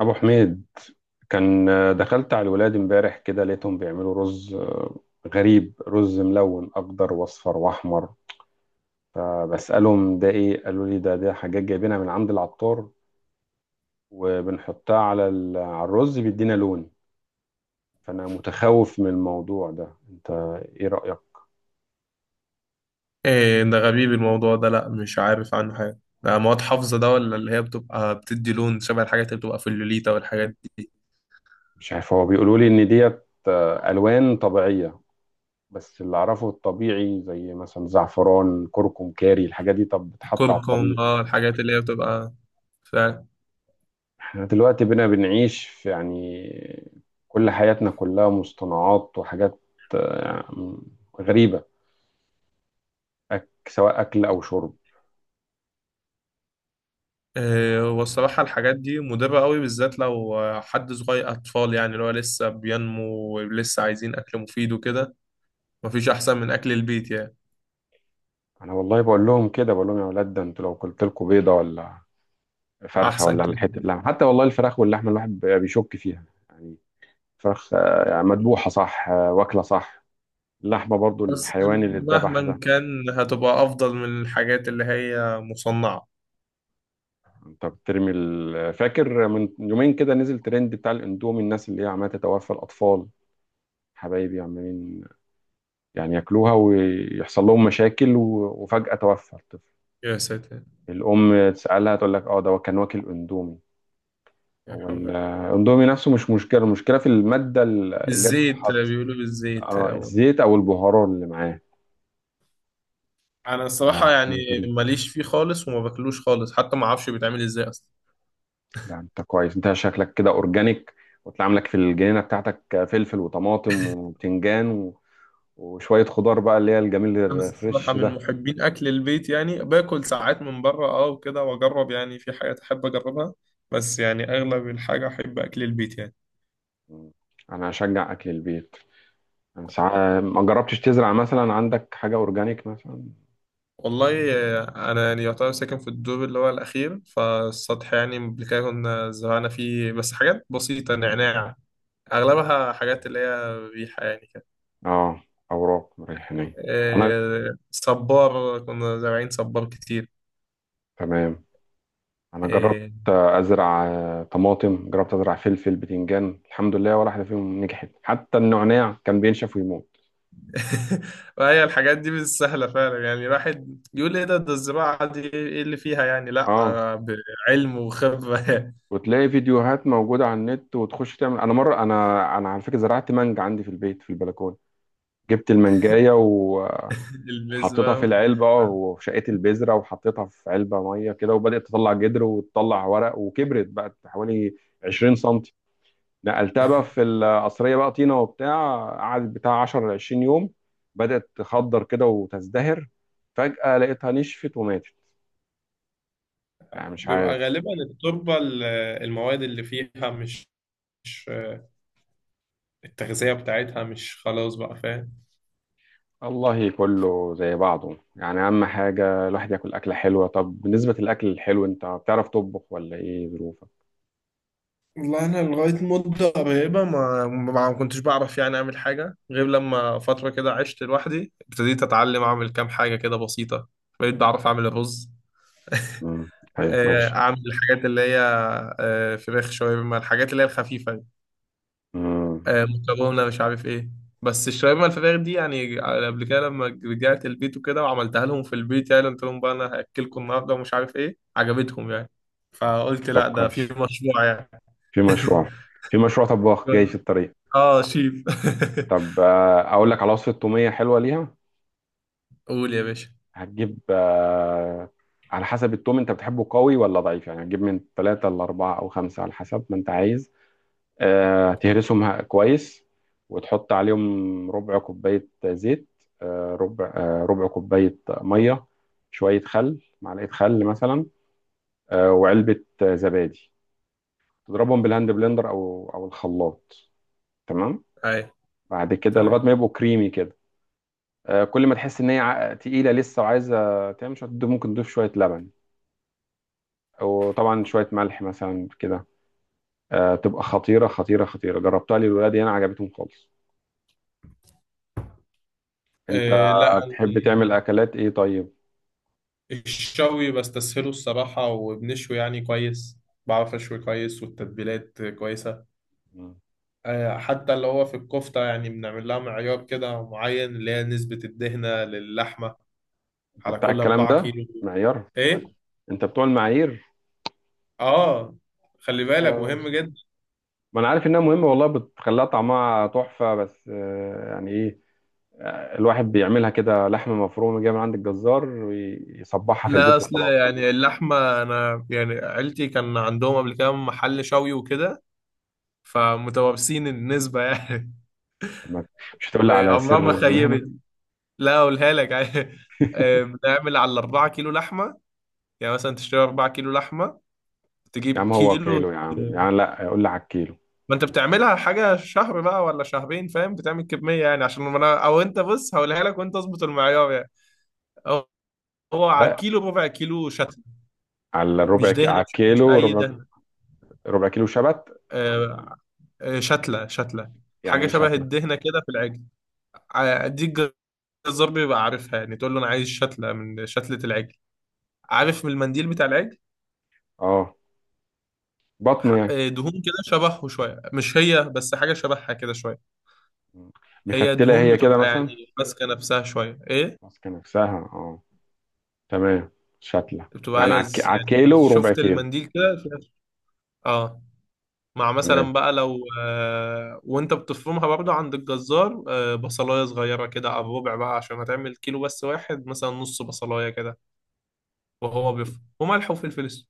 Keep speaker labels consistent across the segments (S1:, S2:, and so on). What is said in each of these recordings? S1: ابو حميد كان دخلت على الولاد امبارح كده، لقيتهم بيعملوا رز غريب. رز ملون، اخضر واصفر واحمر. فبسالهم ده ايه؟ قالوا لي ده حاجات جايبينها من عند العطار، وبنحطها على الرز، بيدينا لون. فانا متخوف من الموضوع ده، انت ايه رايك؟
S2: ايه ده غريب الموضوع ده؟ لا، مش عارف عنه حاجة. ده مواد حافظة ده؟ ولا اللي هي بتبقى بتدي لون شبه الحاجات اللي بتبقى في اللوليتا والحاجات دي؟
S1: مش عارف، هو بيقولوا لي ان ديت الوان طبيعيه، بس اللي اعرفه الطبيعي زي مثلا زعفران، كركم، كاري، الحاجات دي طب بتحط على
S2: الكركم،
S1: الطبيخ.
S2: الحاجات اللي هي بتبقى فعلا.
S1: احنا دلوقتي بقينا بنعيش في، يعني، كل حياتنا كلها مصطنعات وحاجات آه، غريبة. سواء أكل أو شرب.
S2: إيه
S1: آه،
S2: هو الصراحة؟ الحاجات دي مضرة قوي، بالذات لو حد صغير، أطفال يعني اللي هو لسه بينمو ولسه عايزين أكل مفيد وكده. مفيش أحسن من أكل البيت يعني.
S1: أنا والله بقول لهم كده، بقول لهم: يا ولاد، ده أنتوا لو قلت لكم بيضة ولا فرخة
S2: أحسن
S1: ولا حتة
S2: كتير.
S1: لحمة، حتى والله الفراخ واللحمة الواحد بيشك فيها. يعني فراخ، يعني مذبوحة صح، واكلة صح. اللحمة برضو
S2: بس
S1: الحيوان اللي اتذبح
S2: مهما
S1: ده.
S2: كان هتبقى أفضل من الحاجات اللي هي مصنعة.
S1: انت بترمي فاكر من يومين كده نزل ترند بتاع الاندومي، الناس اللي هي عمالة تتوفى الأطفال حبايبي، عمالين يعني ياكلوها ويحصل لهم مشاكل و- وفجأة توفى الطفل.
S2: يا ساتر.
S1: الأم تسألها تقول لك اه ده كان واكل اندومي.
S2: يا
S1: هو
S2: حول.
S1: الاندومي نفسه مش مشكلة، المشكلة في المادة اللي هي
S2: بالزيت،
S1: بتتحط.
S2: بيقولوا بالزيت
S1: اه،
S2: أو...
S1: الزيت أو البهارات اللي معاه.
S2: أنا
S1: لا،
S2: الصراحة يعني
S1: حاجة غريبة.
S2: ماليش فيه خالص وما باكلوش خالص، حتى ما أعرفش بيتعمل إزاي أصلا.
S1: لا، أنت كويس، أنت شكلك كده أورجانيك، وتلاقي عاملك في الجنينة بتاعتك فلفل وطماطم وبتنجان و- وشوية خضار بقى، اللي هي الجميل
S2: أنا الصراحة
S1: الفريش
S2: من
S1: ده.
S2: محبين أكل البيت، يعني باكل ساعات من بره أه وكده، وأجرب يعني في حاجات أحب أجربها. بس يعني أغلب الحاجة أحب أكل البيت يعني.
S1: أنا أشجع أكل البيت. ما جربتش تزرع مثلا عندك حاجة أورجانيك مثلا؟
S2: والله أنا يعني يعتبر ساكن في الدور اللي هو الأخير، فالسطح يعني قبل كده كنا زرعنا فيه بس حاجات بسيطة، نعناع. أغلبها حاجات اللي هي ريحة يعني كده.
S1: اه، أوراق ريحانية. أنا
S2: صبار، كنا زارعين صبار كتير.
S1: تمام، أنا جربت
S2: آه،
S1: أزرع طماطم، جربت أزرع فلفل، بتنجان، الحمد لله ولا واحدة فيهم نجحت، حتى النعناع كان بينشف ويموت.
S2: وهي الحاجات دي مش سهلة فعلا. يعني الواحد يقول ايه ده؟ ده الزراعة دي ايه اللي فيها يعني؟ لا،
S1: اه،
S2: بعلم وخبرة.
S1: وتلاقي فيديوهات موجودة على النت وتخش تعمل. أنا مرة، أنا على فكرة زرعت مانجا عندي في البيت، في البلكونة. جبت المانجاية وحطيتها
S2: البذرة
S1: في العلبة،
S2: وفتحناها.
S1: وشقيت البذرة وحطيتها في علبة مية كده، وبدأت تطلع جدر وتطلع ورق، وكبرت بقت حوالي 20 سنتي. نقلتها بقى في القصرية، بقى طينة وبتاع، قعدت بتاع 10 ل 20 يوم. بدأت تخضر كده وتزدهر، فجأة لقيتها نشفت وماتت، يعني مش
S2: بيبقى
S1: عارف.
S2: غالبا التربة المواد اللي فيها مش مش، آه، التغذية بتاعتها مش خلاص بقى، فاهم؟
S1: والله كله زي بعضه، يعني أهم حاجة الواحد ياكل أكلة حلوة. طب بالنسبة للأكل الحلو، أنت بتعرف تطبخ ولا إيه ظروفك؟
S2: والله انا لغايه مده قريبه ما كنتش بعرف يعني اعمل حاجه، غير لما فتره كده عشت لوحدي ابتديت اتعلم اعمل كام حاجه كده بسيطه. بقيت بعرف اعمل الرز.
S1: امم. طيب، ماشي.
S2: اعمل الحاجات اللي هي فراخ، شاورما، الحاجات اللي هي الخفيفه دي.
S1: امم.
S2: مكرونه، مش عارف ايه. بس الشاورما الفراخ دي، يعني قبل كده لما رجعت البيت وكده وعملتها لهم في البيت، يعني قلت لهم بقى انا هاكلكم النهارده ومش عارف ايه، عجبتهم يعني. فقلت
S1: طب
S2: لا، ده في
S1: كويس.
S2: مشروع يعني.
S1: في مشروع، في مشروع طباخ جاي في الطريق.
S2: اه، شيف.
S1: طب، اقول لك على وصفة تومية حلوة ليها.
S2: قول يا باشا.
S1: هتجيب على حسب التوم انت بتحبه قوي ولا ضعيف، يعني هتجيب من ثلاثة لأربعة أو خمسة على حسب ما انت عايز. تهرسهم كويس، وتحط عليهم ربع كوباية زيت. ربع كوباية مية، شوية خل، معلقة خل مثلا. وعلبة زبادي. تضربهم بالهاند بلندر أو الخلاط. تمام.
S2: هاي.
S1: بعد كده
S2: تمام.
S1: لغاية ما يبقوا كريمي كده. كل ما تحس ان هي تقيله لسه، وعايزه تعمل شويه، ممكن تضيف شويه لبن، او طبعا شويه ملح مثلا كده. تبقى خطيره خطيره خطيره، جربتها للولاد انا عجبتهم خالص. انت
S2: آه لا،
S1: بتحب تعمل اكلات ايه طيب؟
S2: الشوي بستسهله الصراحة، وبنشوي يعني كويس. بعرف أشوي كويس، والتتبيلات كويسة.
S1: مم.
S2: آه، حتى اللي هو في الكفتة يعني بنعمل لها معيار كده معين، اللي هي نسبة الدهنة للحمة،
S1: انت
S2: على
S1: بتاع
S2: كل
S1: الكلام
S2: أربعة
S1: ده؟
S2: كيلو
S1: معيار؟
S2: إيه؟
S1: انت بتوع المعايير؟
S2: آه. خلي
S1: لا
S2: بالك
S1: يا
S2: مهم
S1: باشا،
S2: جدا.
S1: ما انا عارف انها مهمه والله، بتخليها طعمها تحفه، بس يعني ايه، الواحد بيعملها كده لحمه مفرومه جايه من عند الجزار ويصبحها في
S2: لا
S1: البيت
S2: أصل
S1: وخلاص.
S2: يعني اللحمة، أنا يعني عيلتي كان عندهم قبل كده محل شوي وكده، فمتوابسين النسبة يعني.
S1: ما- مش هتقول لي على سر
S2: وعمرها ما
S1: المهنه؟
S2: خيبت. لا، اقولها لك. بنعمل على الـ4 كيلو لحمة. يعني مثلا تشتري 4 كيلو لحمة،
S1: يا
S2: تجيب
S1: عم هو
S2: كيلو.
S1: كيلو، يا عم يعني، لا قول لي على الكيلو.
S2: ما انت بتعملها حاجة شهر بقى ولا شهرين، فاهم؟ بتعمل كمية يعني، عشان ما انا او انت، بص هقولها لك وانت اظبط المعيار يعني. هو، على
S1: لا،
S2: كيلو ربع كيلو شتلة. مش دهنة،
S1: على
S2: مش
S1: الكيلو
S2: اي
S1: ربع.
S2: دهنة.
S1: ربع كيلو شبت.
S2: آه، شتلة شتلة،
S1: يعني
S2: حاجة
S1: ايه
S2: شبه
S1: شتلة؟
S2: الدهنة كده في العجل، دي الجزار بيبقى عارفها يعني، تقول له انا عايز شتلة من شتلة العجل. عارف من المنديل بتاع العجل؟
S1: اه، بطنه يعني.
S2: دهون كده شبهه شوية، مش هي بس حاجة شبهها كده شوية. هي
S1: مفتلة
S2: دهون
S1: هي كده
S2: بتبقى
S1: مثلا؟
S2: يعني ماسكة نفسها شوية، ايه.
S1: ماسكة نفسها، اه تمام. شتلة
S2: بتبقى
S1: يعني
S2: عايز
S1: على
S2: يعني،
S1: الكيلو وربع
S2: شفت
S1: كيلو.
S2: المنديل كده فيها اه. مع
S1: تمام.
S2: مثلا بقى، لو وانت بتفرمها برضه عند الجزار بصلاية صغيرة كده على الربع بقى، عشان هتعمل كيلو بس واحد مثلا، نص بصلاية كده. وهو بيفرم، وملح وفلفل اسود،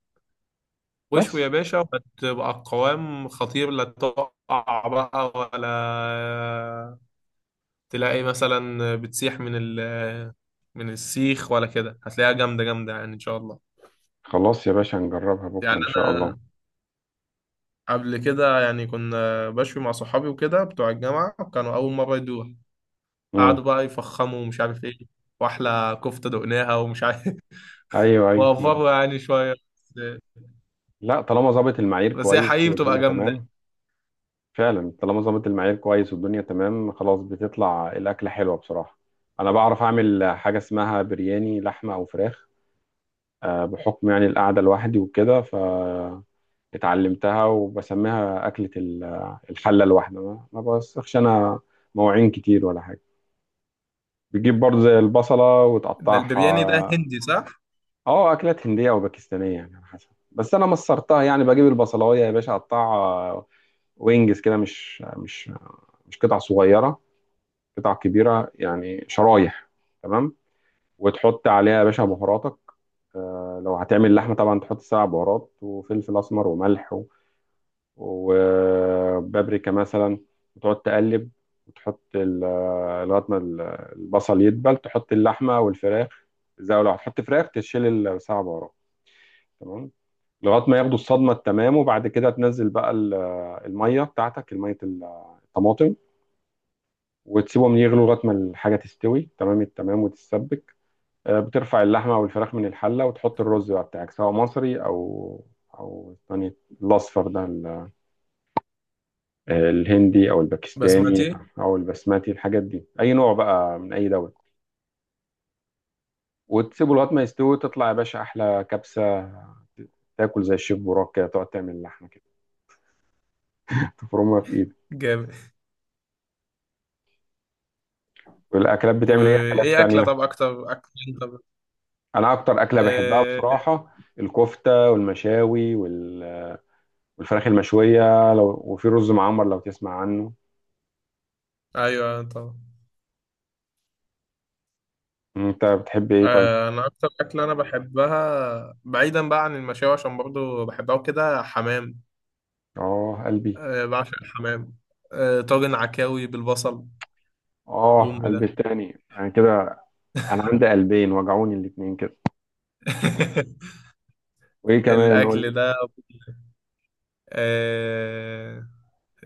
S2: واشوي يا
S1: بس.
S2: باشا، وهتبقى القوام خطير. لا تقع بقى ولا تلاقي مثلا بتسيح من ال من السيخ ولا كده، هتلاقيها جامدة جامدة يعني إن شاء الله.
S1: خلاص يا باشا، هنجربها بكرة
S2: يعني
S1: ان شاء الله.
S2: أنا قبل كده يعني كنا بشوي مع صحابي وكده بتوع الجامعة، وكانوا أول مرة يدوها. قعدوا
S1: امم.
S2: بقى يفخموا ومش عارف إيه، وأحلى كفتة دقناها ومش عارف.
S1: ايوه، ايوه، ما
S2: وأفروا
S1: أنا-
S2: يعني شوية. بس
S1: لا، طالما ظابط المعايير
S2: بس هي
S1: كويس
S2: حقيقي بتبقى
S1: والدنيا
S2: جامدة.
S1: تمام. فعلا، طالما ظبط المعيار كويس والدنيا تمام، خلاص بتطلع الأكلة حلوة بصراحة. أنا بعرف أعمل حاجة اسمها برياني لحمة أو فراخ. بحكم يعني القعدة لوحدي وكده، فاتعلمتها وبسميها أكلة الحلة الواحدة، ما بوسخش أنا مواعين كتير ولا حاجة. بتجيب برضه زي البصلة
S2: ده البرياني ده
S1: وتقطعها.
S2: هندي، صح؟
S1: اه، أكلات هندية أو باكستانية يعني على حسب، بس أنا مصرتها يعني. بجيب البصلاية يا باشا أقطعها، وينجز كده، مش قطع صغيرة، قطع كبيره يعني، شرايح. تمام. وتحط عليها يا باشا بهاراتك، لو هتعمل لحمه طبعا تحط سبع بهارات وفلفل اسمر وملح و- وبابريكا مثلا، وتقعد تقلب. وتحط ال- آه، لغايه ما البصل يدبل، تحط اللحمه والفراخ. زي لو هتحط فراخ تشيل السبع بهارات. تمام. لغايه ما ياخدوا الصدمه التمام، وبعد كده تنزل بقى الميه بتاعتك، الميه الطماطم، وتسيبهم يغلوا لغايه ما الحاجه تستوي تمام التمام وتتسبك. بترفع اللحمة والفراخ من الحلة، وتحط الرز بقى بتاعك، سواء مصري أو الثاني، الأصفر ده الهندي أو الباكستاني،
S2: بسمتي.
S1: أو البسماتي، الحاجات دي أي نوع بقى من أي دولة. وتسيبه لغاية ما يستوي، تطلع يا باشا أحلى كبسة. تاكل زي الشيف براك كده، تقعد تعمل اللحمة كده، تفرمها في إيدك.
S2: جامد.
S1: والأكلات، بتعمل إيه أكلات
S2: وإيه أكلة،
S1: تانية؟
S2: طب أكتر أكتر؟ طب
S1: أنا أكتر أكلة بحبها
S2: آه...
S1: بصراحة الكفتة والمشاوي وال- والفراخ المشوية، لو وفي رز معمر لو تسمع عنه.
S2: أيوه طبعا.
S1: أنت بتحب إيه طيب؟
S2: انا اكتر اكله انا بحبها بعيدا بقى عن المشاوي، عشان برضو بحبها وكده، حمام.
S1: اه، قلبي.
S2: أه، بعشق الحمام. أه، طاجن عكاوي بالبصل. بوم
S1: اه،
S2: ده.
S1: قلبي التاني انا كده. انا عندي قلبين وجعوني الاتنين كده. وايه كمان،
S2: الاكل
S1: قول.
S2: ده، أه،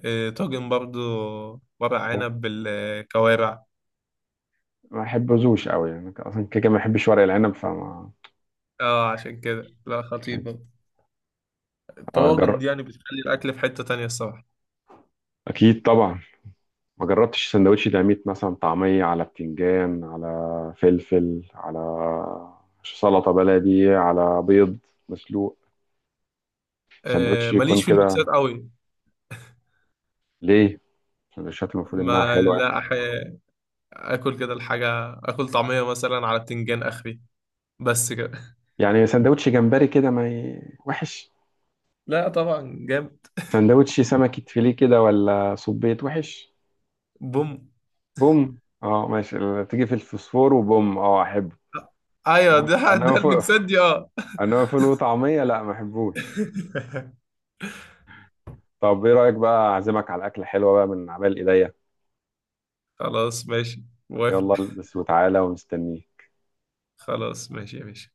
S2: أه طاجن برضو، ورق عنب بالكوارع.
S1: ما بحبوش قوي يعني، اصلا كده كده ما بحبش ورق العنب فما.
S2: اه عشان كده، لا، خطير برضو. الطواجن
S1: أجر...
S2: دي يعني بتخلي الاكل في حتة تانية الصراحة.
S1: اكيد طبعا. ما جربتش سندوتش ديناميت مثلا، طعمية على بتنجان على فلفل على سلطة بلدي على بيض مسلوق؟ سندوتش
S2: أه،
S1: يكون
S2: ماليش في
S1: كده
S2: الميكسات قوي.
S1: ليه؟ السندوتشات المفروض انها
S2: ما
S1: حلوة.
S2: لا أح... اكل كده الحاجة، اكل طعمية مثلا على بتنجان اخري، بس كده.
S1: يعني سندوتش جمبري كده ما ي... وحش؟
S2: لا طبعا جامد.
S1: سندوتش سمكة فيليه كده ولا صبيت وحش؟
S2: بوم.
S1: بوم، اه ماشي، تيجي في الفوسفور وبوم، اه احبه.
S2: ايوه
S1: انما
S2: ده
S1: إنما
S2: ده
S1: فوق،
S2: المكسات دي، اه.
S1: انما فول وطعمية، لا ما احبوش. طب ايه رأيك بقى، اعزمك على اكلة حلوة بقى من عمال ايديا؟
S2: خلاص ماشي، موافق.
S1: يلا البس وتعالى ومستنيك.
S2: خلاص ماشي يا باشا.